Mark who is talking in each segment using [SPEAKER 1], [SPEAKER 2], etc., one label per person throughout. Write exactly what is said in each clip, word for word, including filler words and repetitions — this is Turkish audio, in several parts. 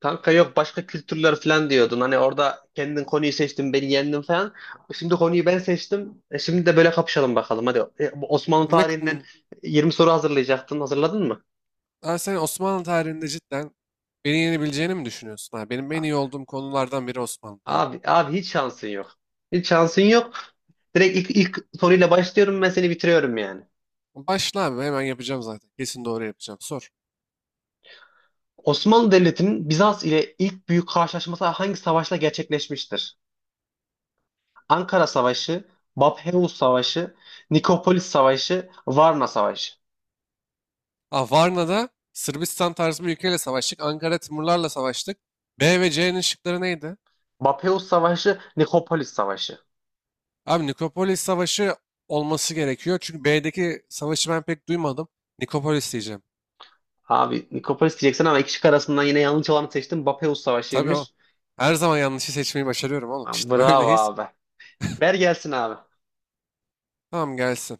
[SPEAKER 1] Kanka yok başka kültürler falan diyordun. Hani orada kendin konuyu seçtin, beni yendin falan. Şimdi konuyu ben seçtim. E şimdi de böyle kapışalım bakalım. Hadi E, bu Osmanlı
[SPEAKER 2] Ne,
[SPEAKER 1] tarihinden yirmi soru hazırlayacaktın. Hazırladın mı?
[SPEAKER 2] ha, sen Osmanlı tarihinde cidden beni yenebileceğini mi düşünüyorsun? Ha, benim en iyi olduğum konulardan biri Osmanlı tarihi.
[SPEAKER 1] Abi abi hiç şansın yok. Hiç şansın yok. Direkt ilk, ilk soruyla başlıyorum ben seni bitiriyorum yani.
[SPEAKER 2] Başla abi, hemen yapacağım zaten. Kesin doğru yapacağım. Sor.
[SPEAKER 1] Osmanlı Devleti'nin Bizans ile ilk büyük karşılaşması hangi savaşla gerçekleşmiştir? Ankara Savaşı, Bapheus Savaşı, Nikopolis Savaşı, Varna Savaşı.
[SPEAKER 2] Ha, Varna'da Sırbistan tarzı bir ülkeyle savaştık. Ankara Timurlarla savaştık. B ve C'nin şıkları neydi?
[SPEAKER 1] Bapeus Savaşı, Nikopolis Savaşı.
[SPEAKER 2] Abi Nikopolis Savaşı olması gerekiyor. Çünkü B'deki savaşı ben pek duymadım. Nikopolis diyeceğim.
[SPEAKER 1] Abi Nikopolis diyeceksin ama iki şık arasından yine yanlış olanı seçtim. Bapeus
[SPEAKER 2] Tabii o.
[SPEAKER 1] Savaşı'ymış.
[SPEAKER 2] Her zaman yanlışı seçmeyi başarıyorum oğlum.
[SPEAKER 1] Lan
[SPEAKER 2] İşte
[SPEAKER 1] Bravo
[SPEAKER 2] böyleyiz.
[SPEAKER 1] abi. Ver gelsin abi.
[SPEAKER 2] Tamam, gelsin.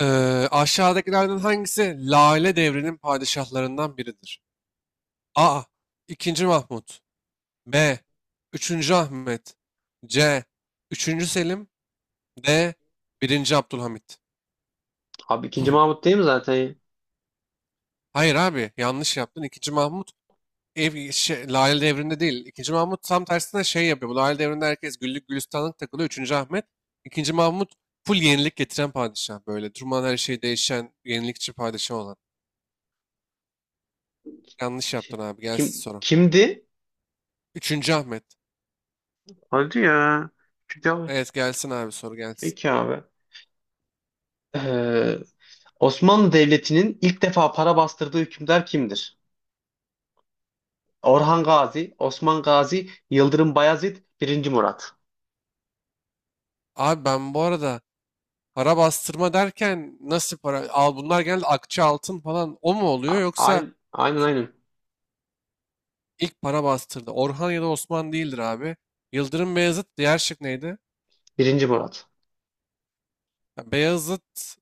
[SPEAKER 2] Eee, aşağıdakilerden hangisi Lale devrinin padişahlarından biridir? A. ikinci. Mahmut. B. Üçüncü Ahmet. C. Üçüncü Selim. D. Birinci Abdülhamit.
[SPEAKER 1] Abi ikinci Mahmut değil mi zaten?
[SPEAKER 2] Hayır abi, yanlış yaptın. ikinci. Mahmut ev, şey, Lale devrinde değil. ikinci. Mahmut tam tersine şey yapıyor. Bu Lale devrinde herkes güllük gülistanlık takılıyor. Üçüncü Ahmet, ikinci. Mahmut full yenilik getiren padişah. Böyle durmadan her şey değişen yenilikçi padişah olan. Yanlış yaptın
[SPEAKER 1] Şey,
[SPEAKER 2] abi, gelsin
[SPEAKER 1] kim
[SPEAKER 2] sonra.
[SPEAKER 1] kimdi?
[SPEAKER 2] Üçüncü Ahmet.
[SPEAKER 1] Hadi ya. İkinci Mahmut.
[SPEAKER 2] Evet, gelsin abi, soru gelsin.
[SPEAKER 1] Peki abi. Ee, Osmanlı Devleti'nin ilk defa para bastırdığı hükümdar kimdir? Orhan Gazi, Osman Gazi, Yıldırım Bayezid, Birinci Murat.
[SPEAKER 2] Abi, ben bu arada para bastırma derken nasıl para? Al, bunlar genelde akçe altın falan o mu oluyor,
[SPEAKER 1] A-
[SPEAKER 2] yoksa
[SPEAKER 1] Aynen aynen. aynen.
[SPEAKER 2] ilk para bastırdı. Orhan ya da Osman değildir abi. Yıldırım Beyazıt. Diğer şık neydi?
[SPEAKER 1] Birinci Murat.
[SPEAKER 2] Ya Beyazıt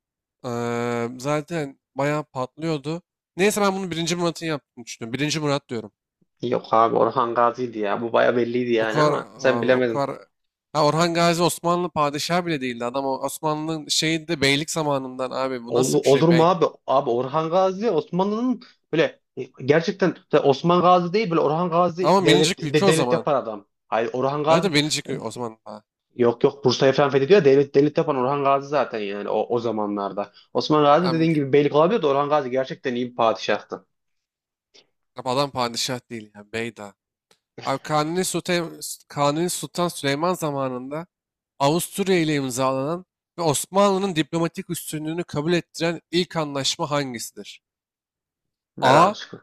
[SPEAKER 2] eee, zaten bayağı patlıyordu. Neyse, ben bunu birinci Murat'ın yaptığını düşünüyorum. Birinci Murat diyorum.
[SPEAKER 1] Yok abi Orhan Gazi'ydi ya. Bu baya belliydi
[SPEAKER 2] O
[SPEAKER 1] yani
[SPEAKER 2] kadar
[SPEAKER 1] ama sen
[SPEAKER 2] abi o
[SPEAKER 1] bilemedin.
[SPEAKER 2] kadar Ha, Orhan Gazi Osmanlı padişahı bile değildi. Adam, o Osmanlı'nın şeyi de beylik zamanından. Abi, bu
[SPEAKER 1] Ol-
[SPEAKER 2] nasıl bir
[SPEAKER 1] olur
[SPEAKER 2] şey?
[SPEAKER 1] mu
[SPEAKER 2] Bey.
[SPEAKER 1] abi? Abi Orhan Gazi Osmanlı'nın böyle e, gerçekten mesela Osman Gazi değil böyle Orhan Gazi
[SPEAKER 2] Ama
[SPEAKER 1] devlet
[SPEAKER 2] minicik ülke
[SPEAKER 1] de-
[SPEAKER 2] o
[SPEAKER 1] devlet
[SPEAKER 2] zaman.
[SPEAKER 1] yapan adam. Hayır Orhan
[SPEAKER 2] Hayır da
[SPEAKER 1] Gazi
[SPEAKER 2] minicik
[SPEAKER 1] e,
[SPEAKER 2] ül- o zaman. Ha.
[SPEAKER 1] yok yok Bursa'yı falan fethediyor ya, devlet devlet yapan Orhan Gazi zaten yani o, o zamanlarda. Osman Gazi
[SPEAKER 2] Hem
[SPEAKER 1] dediğin
[SPEAKER 2] ge-
[SPEAKER 1] gibi beylik olabilir de Orhan Gazi gerçekten iyi bir padişahtı.
[SPEAKER 2] adam padişah değil yani, bey daha. Abi Kanuni Sultan, Kanuni Sultan Süleyman zamanında Avusturya ile imzalanan ve Osmanlı'nın diplomatik üstünlüğünü kabul ettiren ilk anlaşma hangisidir?
[SPEAKER 1] Ver abi
[SPEAKER 2] A.
[SPEAKER 1] şunu.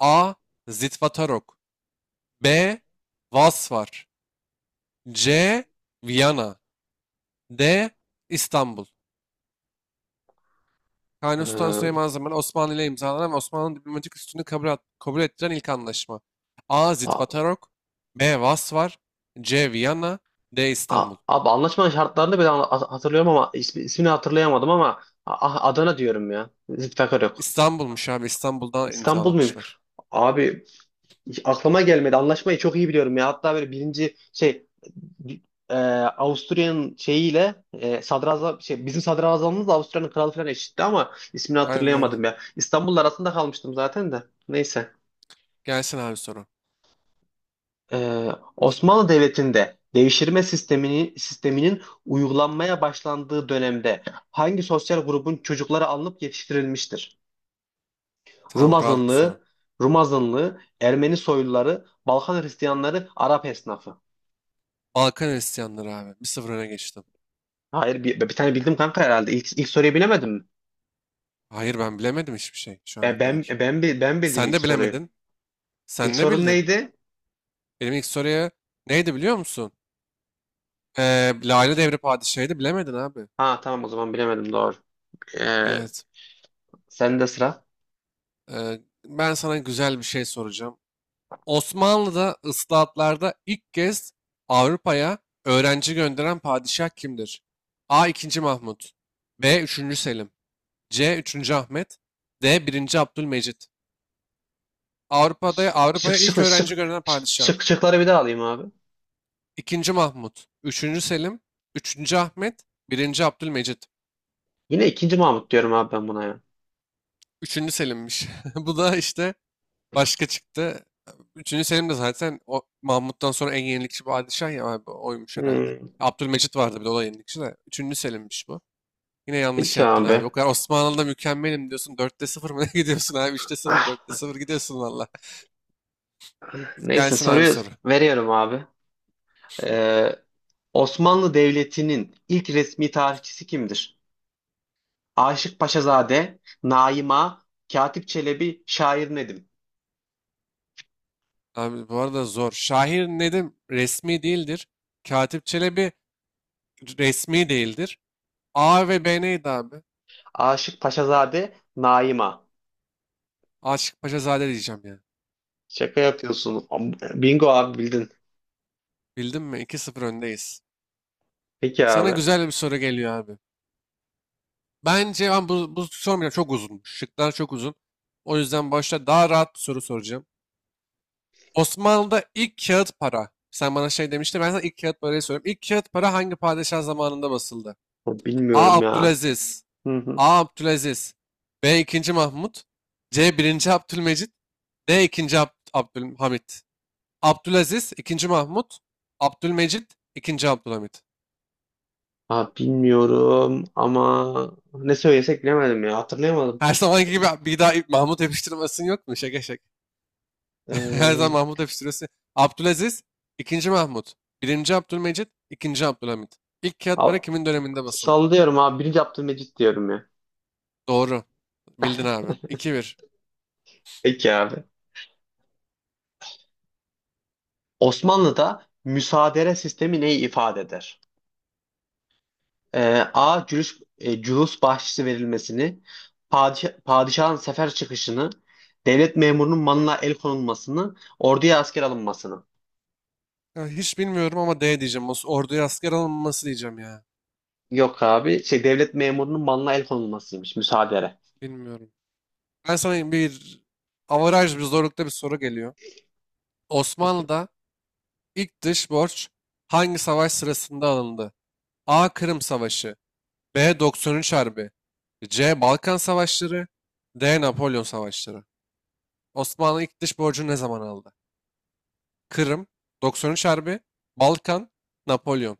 [SPEAKER 2] A. Zitvatarok. B. Vasvar. C. Viyana. D. İstanbul. Kanuni Sultan Süleyman zamanı Osmanlı ile imzalanan ve Osmanlı'nın diplomatik üstünlüğünü kabul, kabul ettiren ilk anlaşma. A.
[SPEAKER 1] Ee,
[SPEAKER 2] Zitvatarok. B. Vasvar. C. Viyana. D.
[SPEAKER 1] A-
[SPEAKER 2] İstanbul.
[SPEAKER 1] Abi anlaşmanın şartlarını ben ha- hatırlıyorum ama ismi, ismini hatırlayamadım ama A- ah, Adana diyorum ya. Zülfikar yok.
[SPEAKER 2] İstanbul'muş abi. İstanbul'da
[SPEAKER 1] İstanbul muymuş?
[SPEAKER 2] imzalamışlar.
[SPEAKER 1] Abi hiç aklıma gelmedi. Anlaşmayı çok iyi biliyorum ya. Hatta böyle birinci şey e, Avusturya'nın şeyiyle e, sadrazam şey bizim sadrazamımız Avusturya'nın kralı falan eşitti ama ismini
[SPEAKER 2] Aynen, aynen.
[SPEAKER 1] hatırlayamadım ya. İstanbul'la arasında kalmıştım zaten de. Neyse.
[SPEAKER 2] Gelsin abi soru.
[SPEAKER 1] Ee, Osmanlı Devleti'nde devşirme sistemini, sisteminin uygulanmaya başlandığı dönemde hangi sosyal grubun çocukları alınıp yetiştirilmiştir? Rum
[SPEAKER 2] Tamam, rahat bu soru.
[SPEAKER 1] azınlığı, Rum azınlığı, Ermeni soyluları, Balkan Hristiyanları, Arap esnafı.
[SPEAKER 2] Balkan Hristiyanları abi. Bir sıfır öne geçtim.
[SPEAKER 1] Hayır bir, bir tane bildim kanka herhalde. İlk, ilk soruyu bilemedim mi?
[SPEAKER 2] Hayır, ben bilemedim hiçbir şey şu
[SPEAKER 1] Ben,
[SPEAKER 2] ana
[SPEAKER 1] ben,
[SPEAKER 2] kadar.
[SPEAKER 1] ben, bi- ben bildim
[SPEAKER 2] Sen
[SPEAKER 1] ilk
[SPEAKER 2] de
[SPEAKER 1] soruyu.
[SPEAKER 2] bilemedin.
[SPEAKER 1] İlk
[SPEAKER 2] Sen ne
[SPEAKER 1] sorun
[SPEAKER 2] bildin?
[SPEAKER 1] neydi?
[SPEAKER 2] Benim ilk soruya neydi, biliyor musun? Ee, Lale Devri Padişahı'ydı, bilemedin abi.
[SPEAKER 1] Ha tamam o zaman bilemedim doğru. Ee,
[SPEAKER 2] Evet.
[SPEAKER 1] sende sıra.
[SPEAKER 2] Ee, ben sana güzel bir şey soracağım. Osmanlı'da ıslahatlarda ilk kez Avrupa'ya öğrenci gönderen padişah kimdir? A. ikinci. Mahmut. B. Üçüncü Selim. C. Üçüncü Ahmet. D. Birinci Abdülmecit. Avrupa'da
[SPEAKER 1] Şık şık
[SPEAKER 2] Avrupa'ya ilk
[SPEAKER 1] şık
[SPEAKER 2] öğrenci
[SPEAKER 1] şık
[SPEAKER 2] gönderen padişah.
[SPEAKER 1] şık şıkları bir daha alayım abi.
[SPEAKER 2] ikinci. Mahmut, Üçüncü Selim, Üçüncü Ahmet, Birinci Abdülmecit.
[SPEAKER 1] Yine ikinci Mahmut diyorum abi ben buna ya.
[SPEAKER 2] Üçüncü Selim'miş. Bu da işte başka çıktı. Üçüncü Selim de zaten o Mahmut'tan sonra en yenilikçi padişah ya abi, oymuş herhalde.
[SPEAKER 1] Hmm,
[SPEAKER 2] Abdülmecit vardı bir de, o da yenilikçi de. Üçüncü Selim'miş bu. Yine yanlış
[SPEAKER 1] peki
[SPEAKER 2] yaptın
[SPEAKER 1] abi.
[SPEAKER 2] abi. O kadar Osmanlı'da mükemmelim diyorsun. Dörtte sıfır mı ne gidiyorsun abi? Üçte sıfır, dörtte
[SPEAKER 1] Ah,
[SPEAKER 2] sıfır gidiyorsun valla.
[SPEAKER 1] neyse
[SPEAKER 2] Gelsin abi
[SPEAKER 1] soruyu
[SPEAKER 2] soru.
[SPEAKER 1] veriyorum abi. Ee, Osmanlı Devleti'nin ilk resmi tarihçisi kimdir? Aşık Paşazade, Naima, Katip Çelebi, Şair Nedim.
[SPEAKER 2] Abi, bu arada zor. Şair Nedim resmi değildir. Katip Çelebi resmi değildir. A ve B neydi abi?
[SPEAKER 1] Aşık Paşazade, Naima.
[SPEAKER 2] Aşık Paşazade diyeceğim ya.
[SPEAKER 1] Şaka yapıyorsun. Bingo abi bildin.
[SPEAKER 2] Bildin mi? iki sıfır öndeyiz.
[SPEAKER 1] Peki
[SPEAKER 2] Sana
[SPEAKER 1] abi.
[SPEAKER 2] güzel bir soru geliyor abi. Bence ben bu, bu sormayacağım. Çok uzun. Şıklar çok uzun. O yüzden başta daha rahat bir soru soracağım. Osmanlı'da ilk kağıt para. Sen bana şey demiştin. Ben sana ilk kağıt parayı soruyorum. İlk kağıt para hangi padişah zamanında basıldı? A.
[SPEAKER 1] Bilmiyorum ya.
[SPEAKER 2] Abdülaziz.
[SPEAKER 1] Hı hı.
[SPEAKER 2] A. Abdülaziz. B. ikinci. Mahmut. C. Birinci Abdülmecit. D. ikinci. Ab Abdülhamit. Abdülaziz, ikinci. Mahmut. Abdülmecit, ikinci. Abdülhamit.
[SPEAKER 1] Abi bilmiyorum ama ne söylesek bilemedim ya. Hatırlayamadım.
[SPEAKER 2] Her zamanki gibi bir daha Mahmut yapıştırmasın yok mu? Şaka şaka. Her
[SPEAKER 1] Ee,
[SPEAKER 2] zaman Mahmut hep. Abdülaziz, ikinci Mahmut. Birinci Abdülmecit, ikinci Abdülhamit. İlk kağıt para
[SPEAKER 1] al-
[SPEAKER 2] kimin döneminde basıldı?
[SPEAKER 1] Sallıyorum abi. Birinci Abdülmecit diyorum ya.
[SPEAKER 2] Doğru. Bildin abi. iki bir.
[SPEAKER 1] Peki abi. Osmanlı'da müsaadere sistemi neyi ifade eder? Ee, A. Cülüs, e, cülüs bahşişi verilmesini, padişah, padişahın sefer çıkışını, devlet memurunun malına el konulmasını, orduya asker alınmasını.
[SPEAKER 2] Ya hiç bilmiyorum ama D diyeceğim. Os- orduya asker alınması diyeceğim ya.
[SPEAKER 1] Yok abi. Şey, devlet memurunun malına el konulmasıymış. Müsaadere.
[SPEAKER 2] Bilmiyorum. Ben sana bir avaraj bir zorlukta bir soru geliyor.
[SPEAKER 1] Peki.
[SPEAKER 2] Osmanlı'da ilk dış borç hangi savaş sırasında alındı? A. Kırım Savaşı. B. doksan üç Harbi. C. Balkan Savaşları. D. Napolyon Savaşları. Osmanlı ilk dış borcunu ne zaman aldı? Kırım, doksan üç Harbi, Balkan, Napolyon.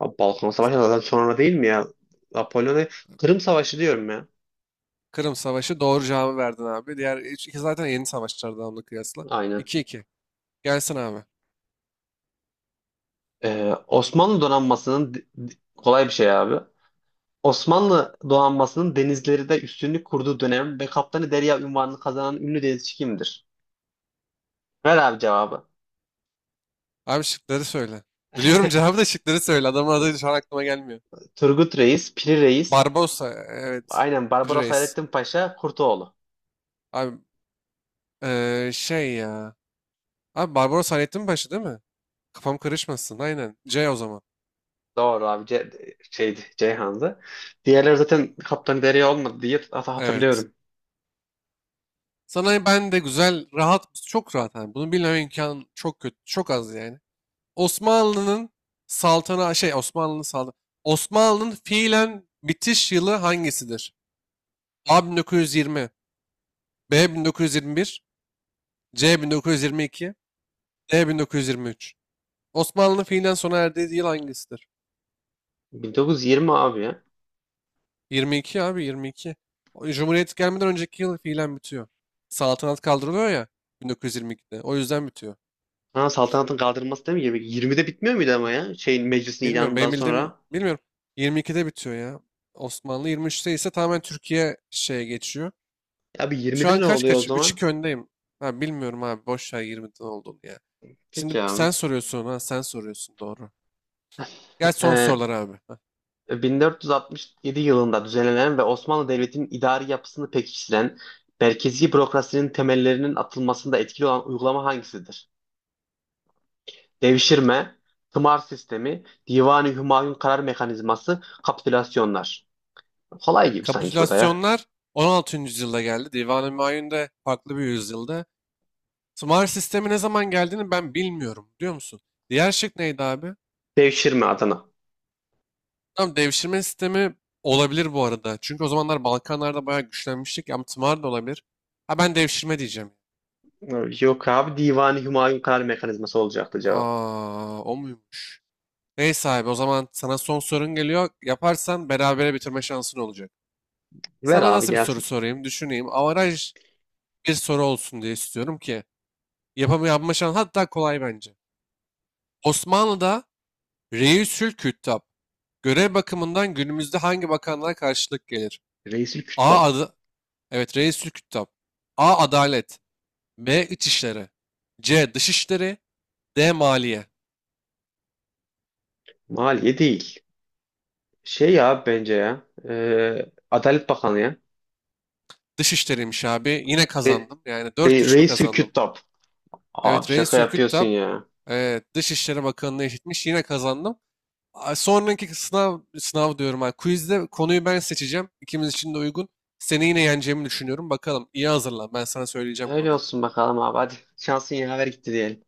[SPEAKER 1] Abi Balkan Savaşı da zaten sonra değil mi ya? Napolyon'a Kırım Savaşı diyorum ya.
[SPEAKER 2] Kırım Savaşı, doğru cevabı verdin abi. Diğer üç- iki zaten yeni savaşlardan, onunla kıyasla.
[SPEAKER 1] Aynen.
[SPEAKER 2] İki iki. Gelsin abi.
[SPEAKER 1] Ee, Osmanlı donanmasının d- d- kolay bir şey abi. Osmanlı donanmasının denizlerinde üstünlük kurduğu dönem ve Kaptanı Derya unvanını kazanan ünlü denizci kimdir? Ver abi cevabı.
[SPEAKER 2] Abi şıkları söyle. Biliyorum cevabı, da şıkları söyle. Adamın adı şu an aklıma gelmiyor.
[SPEAKER 1] Turgut Reis, Piri Reis,
[SPEAKER 2] Barbosa. Evet.
[SPEAKER 1] aynen
[SPEAKER 2] Free
[SPEAKER 1] Barbaros
[SPEAKER 2] Reis.
[SPEAKER 1] Hayrettin Paşa, Kurtoğlu.
[SPEAKER 2] Abi eee, şey ya. Abi Barbaros Hayrettin Paşa değil mi? Kafam karışmasın. Aynen. C o zaman.
[SPEAKER 1] Doğru abi Ce şeydi Ceyhan'dı. Diğerleri zaten Kaptan Derya olmadı diye hat-
[SPEAKER 2] Evet.
[SPEAKER 1] hatırlıyorum.
[SPEAKER 2] Sana ben de güzel, rahat, çok rahat. Yani. Bunu bilmem imkan çok kötü, çok az yani. Osmanlı'nın saltana şey Osmanlı'nın saltanatı. Osmanlı'nın fiilen bitiş yılı hangisidir? A bin dokuz yüz yirmi, B bin dokuz yüz yirmi bir, C bin dokuz yüz yirmi iki, D bin dokuz yüz yirmi üç. Osmanlı'nın fiilen sona erdiği yıl hangisidir?
[SPEAKER 1] bin dokuz yüz yirmi abi ya.
[SPEAKER 2] yirmi iki abi, yirmi iki. O Cumhuriyet gelmeden önceki yıl fiilen bitiyor. Saltanat kaldırılıyor ya bin dokuz yüz yirmi ikide. O yüzden bitiyor.
[SPEAKER 1] Ha, saltanatın kaldırılması değil mi? yirmi yirmide bitmiyor muydu ama ya? Şeyin meclisin
[SPEAKER 2] Bilmiyorum.
[SPEAKER 1] ilanından
[SPEAKER 2] Benim bildiğim,
[SPEAKER 1] sonra.
[SPEAKER 2] bilmiyorum. yirmi ikide bitiyor ya. Osmanlı yirmi üçte ise tamamen Türkiye şeye geçiyor.
[SPEAKER 1] Abi
[SPEAKER 2] Şu
[SPEAKER 1] yirmide
[SPEAKER 2] an
[SPEAKER 1] ne
[SPEAKER 2] kaç
[SPEAKER 1] oluyor o
[SPEAKER 2] kaç?
[SPEAKER 1] zaman?
[SPEAKER 2] üç iki öndeyim. Ha, bilmiyorum abi. Boş ver yirmiden olduğunu ya. Şimdi
[SPEAKER 1] Peki abi.
[SPEAKER 2] sen soruyorsun ha. Sen soruyorsun, doğru. Gel son
[SPEAKER 1] Ee,
[SPEAKER 2] sorular abi. Ha.
[SPEAKER 1] bin dört yüz altmış yedi yılında düzenlenen ve Osmanlı Devleti'nin idari yapısını pekiştiren, merkezi bürokrasinin temellerinin atılmasında etkili olan uygulama hangisidir? Devşirme, tımar sistemi, divan Divani Hümayun karar mekanizması, kapitülasyonlar. Kolay gibi sanki bu da ya.
[SPEAKER 2] Kapitülasyonlar on altıncı yüzyılda geldi. Divan-ı Mayun da farklı bir yüzyılda. Tımar sistemi ne zaman geldiğini ben bilmiyorum. Biliyor musun? Diğer şık neydi abi?
[SPEAKER 1] Devşirme Adana.
[SPEAKER 2] Tamam, devşirme sistemi olabilir bu arada. Çünkü o zamanlar Balkanlarda bayağı güçlenmiştik. Ama tımar da olabilir. Ha, ben devşirme diyeceğim.
[SPEAKER 1] Yok abi divan Divani Hümayun karar mekanizması olacaktı cevap.
[SPEAKER 2] Aa, o muymuş? Neyse abi, o zaman sana son sorun geliyor. Yaparsan berabere bitirme şansın olacak.
[SPEAKER 1] Ver
[SPEAKER 2] Sana
[SPEAKER 1] abi
[SPEAKER 2] nasıl bir soru
[SPEAKER 1] gelsin.
[SPEAKER 2] sorayım? Düşüneyim. Avaraj bir soru olsun diye istiyorum ki. Yapamı yapma şansı, hatta kolay bence. Osmanlı'da Reisül Küttab görev bakımından günümüzde hangi bakanlığa karşılık gelir?
[SPEAKER 1] Reisül
[SPEAKER 2] A
[SPEAKER 1] Küttab.
[SPEAKER 2] adı, evet, Reisül Küttab. A. Adalet. B. İçişleri. C. Dışişleri. D. Maliye.
[SPEAKER 1] Maliye değil. Şey ya bence ya. e, Adalet Bakanı ya.
[SPEAKER 2] Dışişleriymiş abi. Yine
[SPEAKER 1] Re,
[SPEAKER 2] kazandım. Yani
[SPEAKER 1] Re,
[SPEAKER 2] dört üç mü
[SPEAKER 1] Reisül
[SPEAKER 2] kazandım?
[SPEAKER 1] Küttab. Abi
[SPEAKER 2] Evet,
[SPEAKER 1] şaka
[SPEAKER 2] Reis
[SPEAKER 1] yapıyorsun
[SPEAKER 2] Ülküttab
[SPEAKER 1] ya.
[SPEAKER 2] e, Dışişleri Bakanlığı eşitmiş. Yine kazandım. A, Sonraki sınav, sınav diyorum. Ha. Quizde konuyu ben seçeceğim. İkimiz için de uygun. Seni yine yeneceğimi düşünüyorum. Bakalım, iyi hazırlan. Ben sana söyleyeceğim
[SPEAKER 1] Öyle
[SPEAKER 2] konuyu.
[SPEAKER 1] olsun bakalım abi. Hadi şansın yaver gitti diyelim.